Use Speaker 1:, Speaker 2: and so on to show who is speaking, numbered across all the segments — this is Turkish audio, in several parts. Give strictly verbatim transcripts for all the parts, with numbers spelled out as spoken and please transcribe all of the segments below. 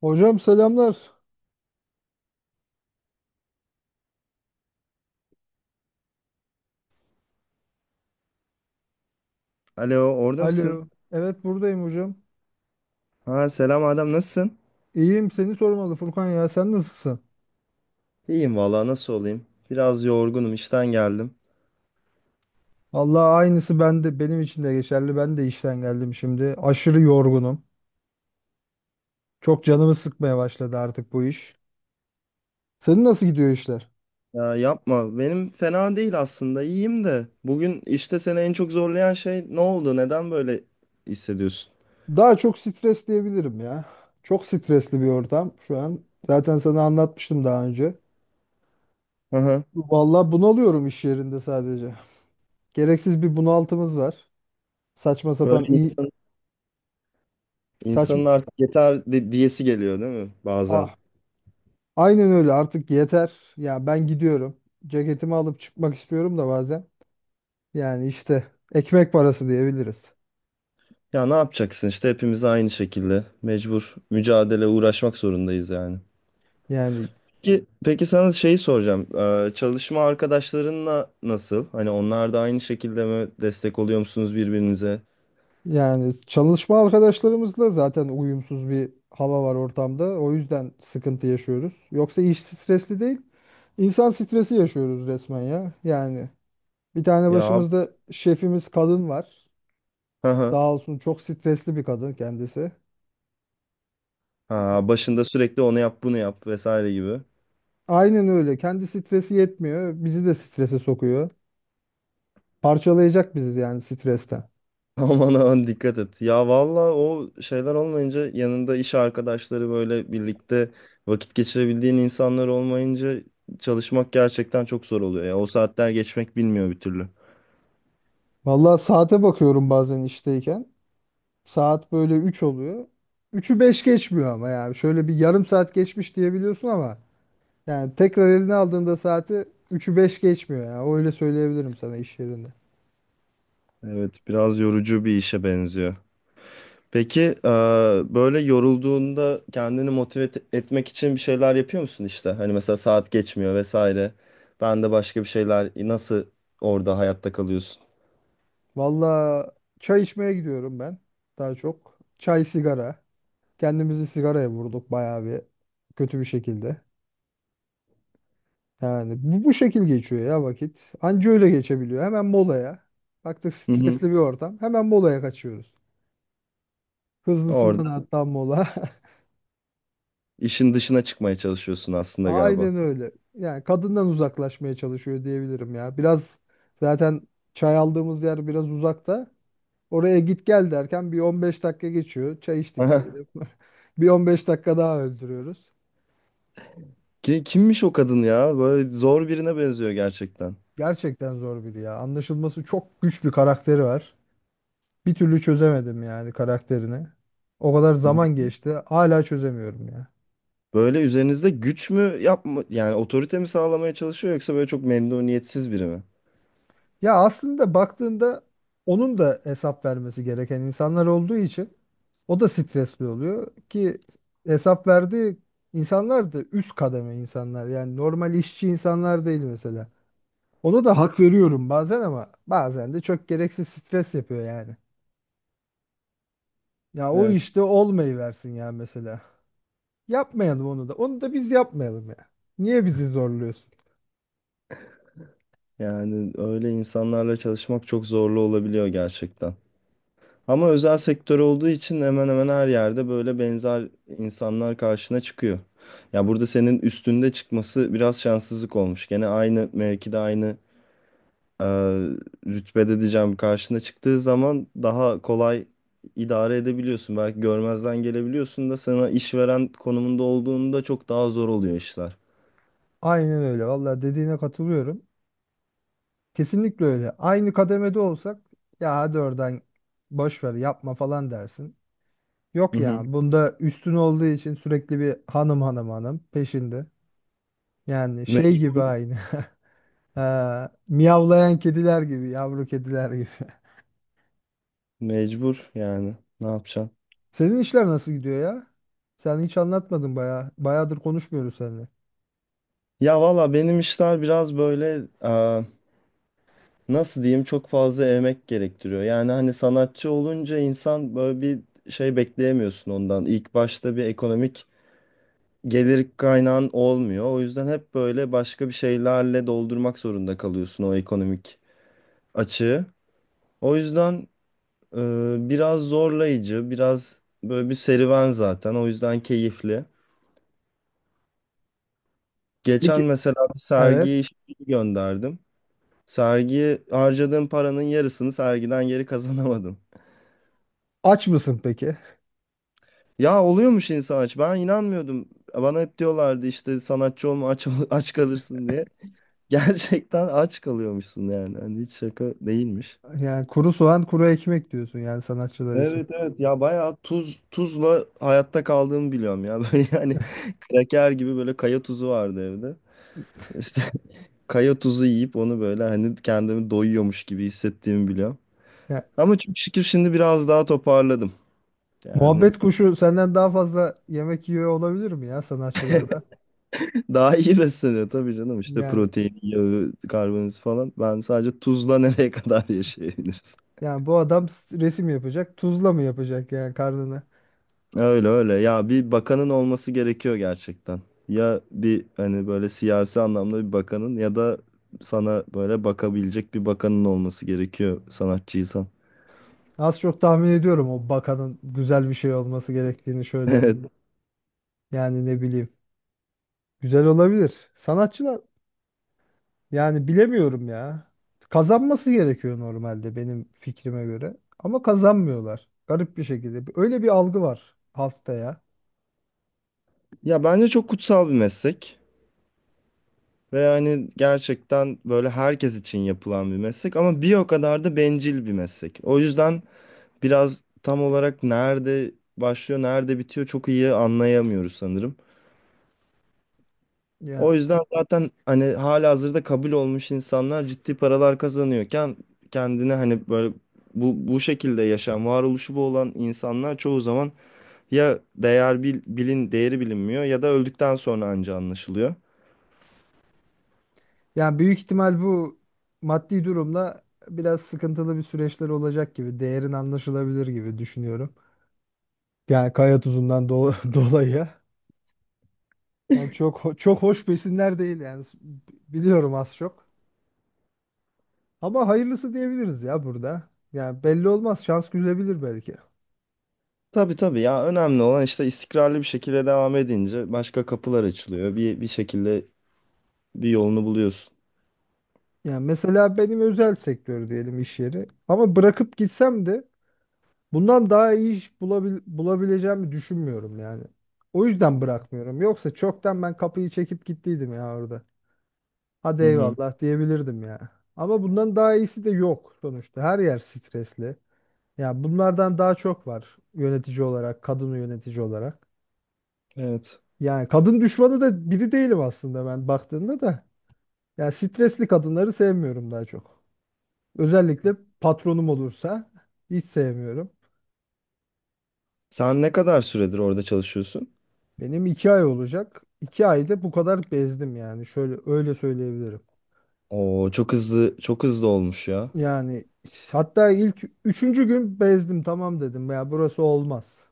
Speaker 1: Hocam selamlar.
Speaker 2: Alo, orada mısın?
Speaker 1: Alo. Evet buradayım hocam.
Speaker 2: Ha selam Adem, nasılsın?
Speaker 1: İyiyim seni sormalı Furkan, ya sen nasılsın?
Speaker 2: İyiyim vallahi nasıl olayım? Biraz yorgunum, işten geldim.
Speaker 1: Allah aynısı bende, benim için de geçerli. Ben de işten geldim şimdi. Aşırı yorgunum. Çok canımı sıkmaya başladı artık bu iş. Senin nasıl gidiyor işler?
Speaker 2: Ya yapma, benim fena değil aslında, iyiyim de. Bugün işte seni en çok zorlayan şey ne oldu? Neden böyle hissediyorsun?
Speaker 1: Daha çok stres diyebilirim ya. Çok stresli bir ortam şu an. Zaten sana anlatmıştım daha önce.
Speaker 2: Hı hı.
Speaker 1: Vallahi bunalıyorum iş yerinde sadece. Gereksiz bir bunaltımız var. Saçma
Speaker 2: Böyle
Speaker 1: sapan iyi
Speaker 2: insan,
Speaker 1: saçma
Speaker 2: insanın artık yeter di- diyesi geliyor değil mi bazen?
Speaker 1: ah, aynen öyle, artık yeter. Ya ben gidiyorum. Ceketimi alıp çıkmak istiyorum da bazen. Yani işte ekmek parası diyebiliriz.
Speaker 2: Ya ne yapacaksın işte hepimiz aynı şekilde mecbur mücadele uğraşmak zorundayız yani.
Speaker 1: Yani
Speaker 2: Peki, peki sana şeyi soracağım. Ee, çalışma arkadaşlarınla nasıl? Hani onlar da aynı şekilde mi destek oluyor musunuz birbirinize?
Speaker 1: yani çalışma arkadaşlarımızla zaten uyumsuz bir hava var ortamda. O yüzden sıkıntı yaşıyoruz. Yoksa iş stresli değil. İnsan stresi yaşıyoruz resmen ya. Yani bir tane
Speaker 2: Ya abi,
Speaker 1: başımızda şefimiz kadın var.
Speaker 2: hı hı.
Speaker 1: Sağ olsun, çok stresli bir kadın kendisi.
Speaker 2: Ha, başında sürekli onu yap bunu yap vesaire gibi.
Speaker 1: Aynen öyle. Kendi stresi yetmiyor. Bizi de strese sokuyor. Parçalayacak bizi yani stresten.
Speaker 2: Aman aman dikkat et. Ya valla o şeyler olmayınca yanında iş arkadaşları böyle birlikte vakit geçirebildiğin insanlar olmayınca çalışmak gerçekten çok zor oluyor. Ya o saatler geçmek bilmiyor bir türlü.
Speaker 1: Vallahi saate bakıyorum bazen işteyken. Saat böyle üç oluyor. Üçü beş geçmiyor ama yani. Şöyle bir yarım saat geçmiş diyebiliyorsun ama yani tekrar eline aldığında saati üçü beş geçmiyor ya. Öyle söyleyebilirim sana iş yerinde.
Speaker 2: Evet biraz yorucu bir işe benziyor. Peki eee, böyle yorulduğunda kendini motive et- etmek için bir şeyler yapıyor musun işte? Hani mesela saat geçmiyor vesaire. Ben de başka bir şeyler nasıl orada hayatta kalıyorsun?
Speaker 1: Vallahi çay içmeye gidiyorum ben daha çok. Çay sigara. Kendimizi sigaraya vurduk bayağı bir kötü bir şekilde. Yani bu, bu şekil geçiyor ya vakit. Anca öyle geçebiliyor. Hemen molaya. Baktık
Speaker 2: Hı hı.
Speaker 1: stresli bir ortam. Hemen molaya kaçıyoruz. Hızlısından
Speaker 2: Orada
Speaker 1: hatta mola.
Speaker 2: işin dışına çıkmaya çalışıyorsun aslında galiba.
Speaker 1: Aynen öyle. Yani kadından uzaklaşmaya çalışıyor diyebilirim ya. Biraz zaten çay aldığımız yer biraz uzakta. Oraya git gel derken bir on beş dakika geçiyor. Çay içtik
Speaker 2: Aha.
Speaker 1: diyelim. Bir on beş dakika daha öldürüyoruz.
Speaker 2: Ki- Kimmiş o kadın ya? Böyle zor birine benziyor gerçekten.
Speaker 1: Gerçekten zor biri ya. Anlaşılması çok güç bir karakteri var. Bir türlü çözemedim yani karakterini. O kadar zaman geçti. Hala çözemiyorum ya.
Speaker 2: Böyle üzerinizde güç mü yapma yani otorite mi sağlamaya çalışıyor yoksa böyle çok memnuniyetsiz biri mi?
Speaker 1: Ya aslında baktığında onun da hesap vermesi gereken insanlar olduğu için o da stresli oluyor ki hesap verdiği insanlar da üst kademe insanlar. Yani normal işçi insanlar değil mesela. Ona da hak veriyorum bazen, ama bazen de çok gereksiz stres yapıyor yani. Ya o
Speaker 2: Evet.
Speaker 1: işte olmayı versin ya mesela. Yapmayalım onu da. Onu da biz yapmayalım ya. Niye bizi zorluyorsun?
Speaker 2: Yani öyle insanlarla çalışmak çok zorlu olabiliyor gerçekten. Ama özel sektör olduğu için hemen hemen her yerde böyle benzer insanlar karşına çıkıyor. Ya burada senin üstünde çıkması biraz şanssızlık olmuş. Gene aynı mevkide aynı e, rütbede diyeceğim karşına çıktığı zaman daha kolay idare edebiliyorsun. Belki görmezden gelebiliyorsun da sana işveren konumunda olduğunda çok daha zor oluyor işler.
Speaker 1: Aynen öyle. Vallahi dediğine katılıyorum. Kesinlikle öyle. Aynı kademede olsak ya hadi oradan boş ver yapma falan dersin.
Speaker 2: Hı
Speaker 1: Yok ya,
Speaker 2: hı.
Speaker 1: bunda üstün olduğu için sürekli bir hanım hanım hanım peşinde. Yani
Speaker 2: Me-
Speaker 1: şey gibi aynı. Ha, miyavlayan kediler gibi, yavru kediler gibi.
Speaker 2: Mecbur yani ne yapacaksın?
Speaker 1: Senin işler nasıl gidiyor ya? Sen hiç anlatmadın bayağı. Bayağıdır konuşmuyoruz seninle.
Speaker 2: Ya valla benim işler biraz böyle nasıl diyeyim çok fazla emek gerektiriyor. Yani hani sanatçı olunca insan böyle bir şey bekleyemiyorsun ondan. İlk başta bir ekonomik gelir kaynağın olmuyor. O yüzden hep böyle başka bir şeylerle doldurmak zorunda kalıyorsun o ekonomik açığı. O yüzden e, biraz zorlayıcı, biraz böyle bir serüven zaten. O yüzden keyifli. Geçen
Speaker 1: Peki,
Speaker 2: mesela bir
Speaker 1: evet.
Speaker 2: sergiye iş gönderdim. Sergiye harcadığım paranın yarısını sergiden geri kazanamadım.
Speaker 1: Aç mısın peki?
Speaker 2: Ya oluyormuş insan aç. Ben inanmıyordum. Bana hep diyorlardı işte sanatçı olma aç, ol- aç kalırsın diye. Gerçekten aç kalıyormuşsun yani. Hani hiç şaka değilmiş.
Speaker 1: Yani kuru soğan, kuru ekmek diyorsun yani sanatçılar için.
Speaker 2: Evet evet ya bayağı tuz tuzla hayatta kaldığımı biliyorum ya. Böyle yani kraker gibi böyle kaya tuzu vardı evde. İşte kaya tuzu yiyip onu böyle hani kendimi doyuyormuş gibi hissettiğimi biliyorum. Ama çok şükür şimdi biraz daha toparladım. Yani
Speaker 1: Muhabbet kuşu senden daha fazla yemek yiyor olabilir mi ya sanatçılarda?
Speaker 2: daha iyi besleniyor tabii canım işte
Speaker 1: Yani
Speaker 2: protein, yağı, karbonhidrat falan. Ben sadece tuzla nereye kadar yaşayabiliriz?
Speaker 1: yani bu adam s- resim yapacak, tuzla mı yapacak yani karnını?
Speaker 2: Öyle öyle ya bir bakanın olması gerekiyor gerçekten. Ya bir hani böyle siyasi anlamda bir bakanın ya da sana böyle bakabilecek bir bakanın olması gerekiyor sanatçıysan.
Speaker 1: Az çok tahmin ediyorum o bakanın güzel bir şey olması gerektiğini, şöyle
Speaker 2: Evet.
Speaker 1: yani ne bileyim. Güzel olabilir. Sanatçılar yani bilemiyorum ya. Kazanması gerekiyor normalde benim fikrime göre. Ama kazanmıyorlar. Garip bir şekilde. Öyle bir algı var halkta ya.
Speaker 2: Ya bence çok kutsal bir meslek ve yani gerçekten böyle herkes için yapılan bir meslek ama bir o kadar da bencil bir meslek. O yüzden biraz tam olarak nerede başlıyor, nerede bitiyor çok iyi anlayamıyoruz sanırım.
Speaker 1: Ya
Speaker 2: O yüzden zaten hani halihazırda kabul olmuş insanlar ciddi paralar kazanıyorken kendine hani böyle bu bu şekilde yaşam, varoluşu bu olan insanlar çoğu zaman ya değer bil, bilin değeri bilinmiyor ya da öldükten sonra anca anlaşılıyor.
Speaker 1: Yani büyük ihtimal bu maddi durumla biraz sıkıntılı bir süreçler olacak gibi, değerin anlaşılabilir gibi düşünüyorum. Yani kaya tuzundan do dolayı. Yani çok ho- çok hoş besinler değil yani biliyorum az çok. Ama hayırlısı diyebiliriz ya burada. Yani belli olmaz, şans gülebilir belki.
Speaker 2: Tabii tabii ya önemli olan işte istikrarlı bir şekilde devam edince başka kapılar açılıyor. Bir bir şekilde bir yolunu buluyorsun.
Speaker 1: Yani mesela benim özel sektör diyelim iş yeri. Ama bırakıp gitsem de bundan daha iyi iş bulabil bulabileceğimi düşünmüyorum yani. O yüzden bırakmıyorum. Yoksa çoktan ben kapıyı çekip gittiydim ya orada. Hadi
Speaker 2: Hı hı.
Speaker 1: eyvallah diyebilirdim ya. Ama bundan daha iyisi de yok sonuçta. Her yer stresli. Ya bunlardan daha çok var yönetici olarak, kadın yönetici olarak.
Speaker 2: Evet.
Speaker 1: Yani kadın düşmanı da biri değilim aslında ben baktığında da. Ya stresli kadınları sevmiyorum daha çok. Özellikle patronum olursa hiç sevmiyorum.
Speaker 2: Sen ne kadar süredir orada çalışıyorsun?
Speaker 1: Benim iki ay olacak. İki ayda bu kadar bezdim yani. Şöyle öyle söyleyebilirim.
Speaker 2: Oo, çok hızlı, çok hızlı olmuş ya.
Speaker 1: Yani hatta ilk üçüncü gün bezdim, tamam dedim ya, burası olmaz.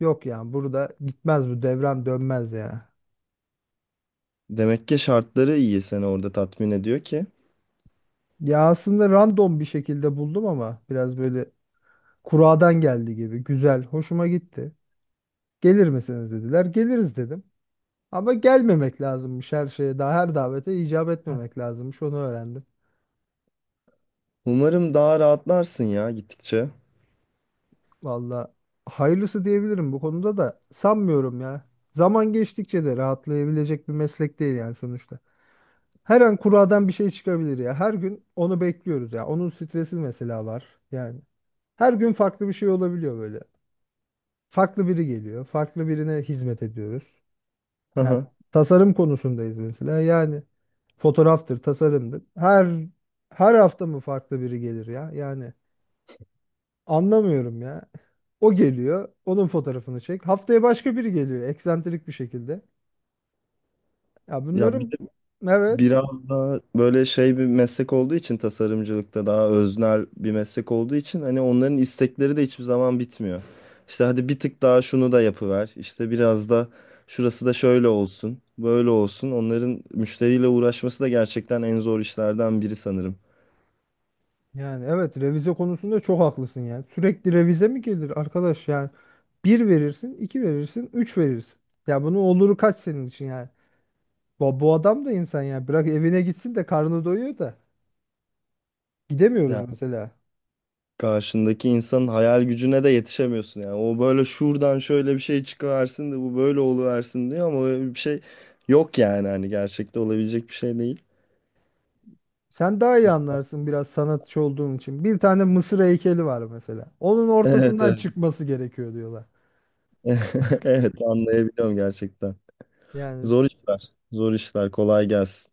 Speaker 1: Yok yani, burada gitmez bu devran dönmez ya.
Speaker 2: Demek ki şartları iyi seni orada tatmin ediyor ki.
Speaker 1: Ya aslında random bir şekilde buldum ama biraz böyle kuradan geldi gibi güzel, hoşuma gitti. Gelir misiniz dediler, geliriz dedim. Ama gelmemek lazımmış, her şeye daha her davete icap etmemek lazımmış, onu öğrendim.
Speaker 2: Umarım daha rahatlarsın ya gittikçe.
Speaker 1: Valla hayırlısı diyebilirim bu konuda da, sanmıyorum ya. Zaman geçtikçe de rahatlayabilecek bir meslek değil yani sonuçta. Her an kuradan bir şey çıkabilir ya. Her gün onu bekliyoruz ya. Onun stresi mesela var yani. Her gün farklı bir şey olabiliyor böyle. Farklı biri geliyor. Farklı birine hizmet ediyoruz.
Speaker 2: Hı
Speaker 1: Yani
Speaker 2: hı.
Speaker 1: tasarım konusundayız mesela. Yani fotoğraftır, tasarımdır. Her her hafta mı farklı biri gelir ya? Yani anlamıyorum ya. O geliyor. Onun fotoğrafını çek. Haftaya başka biri geliyor. Eksantrik bir şekilde. Ya
Speaker 2: Ya bir de
Speaker 1: bunların evet.
Speaker 2: biraz daha böyle şey bir meslek olduğu için tasarımcılıkta daha öznel bir meslek olduğu için hani onların istekleri de hiçbir zaman bitmiyor. İşte hadi bir tık daha şunu da yapıver. İşte biraz da şurası da şöyle olsun, böyle olsun. Onların müşteriyle uğraşması da gerçekten en zor işlerden biri sanırım.
Speaker 1: Yani evet, revize konusunda çok haklısın yani. Sürekli revize mi gelir arkadaş yani? Bir verirsin, iki verirsin, üç verirsin. Ya bunun oluru kaç senin için yani? Bu, bu adam da insan ya. Bırak evine gitsin de karnı doyuyor da. Gidemiyoruz
Speaker 2: Ya
Speaker 1: mesela.
Speaker 2: karşındaki insanın hayal gücüne de yetişemiyorsun yani. O böyle şuradan şöyle bir şey çıkıversin de bu böyle oluversin diyor ama öyle bir şey yok yani hani gerçekte olabilecek bir şey değil.
Speaker 1: Sen daha iyi anlarsın biraz sanatçı olduğun için. Bir tane Mısır heykeli var mesela. Onun
Speaker 2: Evet
Speaker 1: ortasından
Speaker 2: evet.
Speaker 1: çıkması gerekiyor diyorlar.
Speaker 2: Evet anlayabiliyorum gerçekten.
Speaker 1: Yani
Speaker 2: Zor işler. Zor işler. Kolay gelsin.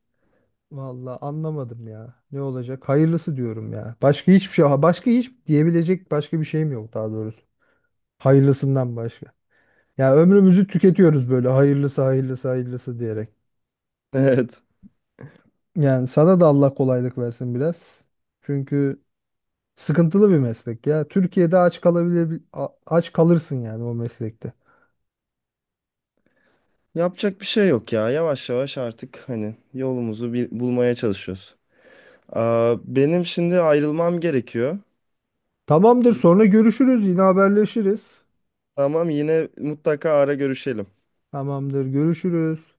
Speaker 1: vallahi anlamadım ya. Ne olacak? Hayırlısı diyorum ya. Başka hiçbir şey, başka hiç diyebilecek başka bir şeyim yok daha doğrusu. Hayırlısından başka. Ya ömrümüzü tüketiyoruz böyle hayırlısı hayırlısı hayırlısı diyerek.
Speaker 2: Evet.
Speaker 1: Yani sana da Allah kolaylık versin biraz. Çünkü sıkıntılı bir meslek ya. Türkiye'de aç kalabilir aç kalırsın yani o meslekte.
Speaker 2: Yapacak bir şey yok ya. Yavaş yavaş artık hani yolumuzu bir bulmaya çalışıyoruz. Aa, benim şimdi ayrılmam gerekiyor.
Speaker 1: Tamamdır,
Speaker 2: Bir-
Speaker 1: sonra görüşürüz, yine haberleşiriz.
Speaker 2: Tamam yine mutlaka ara görüşelim.
Speaker 1: Tamamdır, görüşürüz.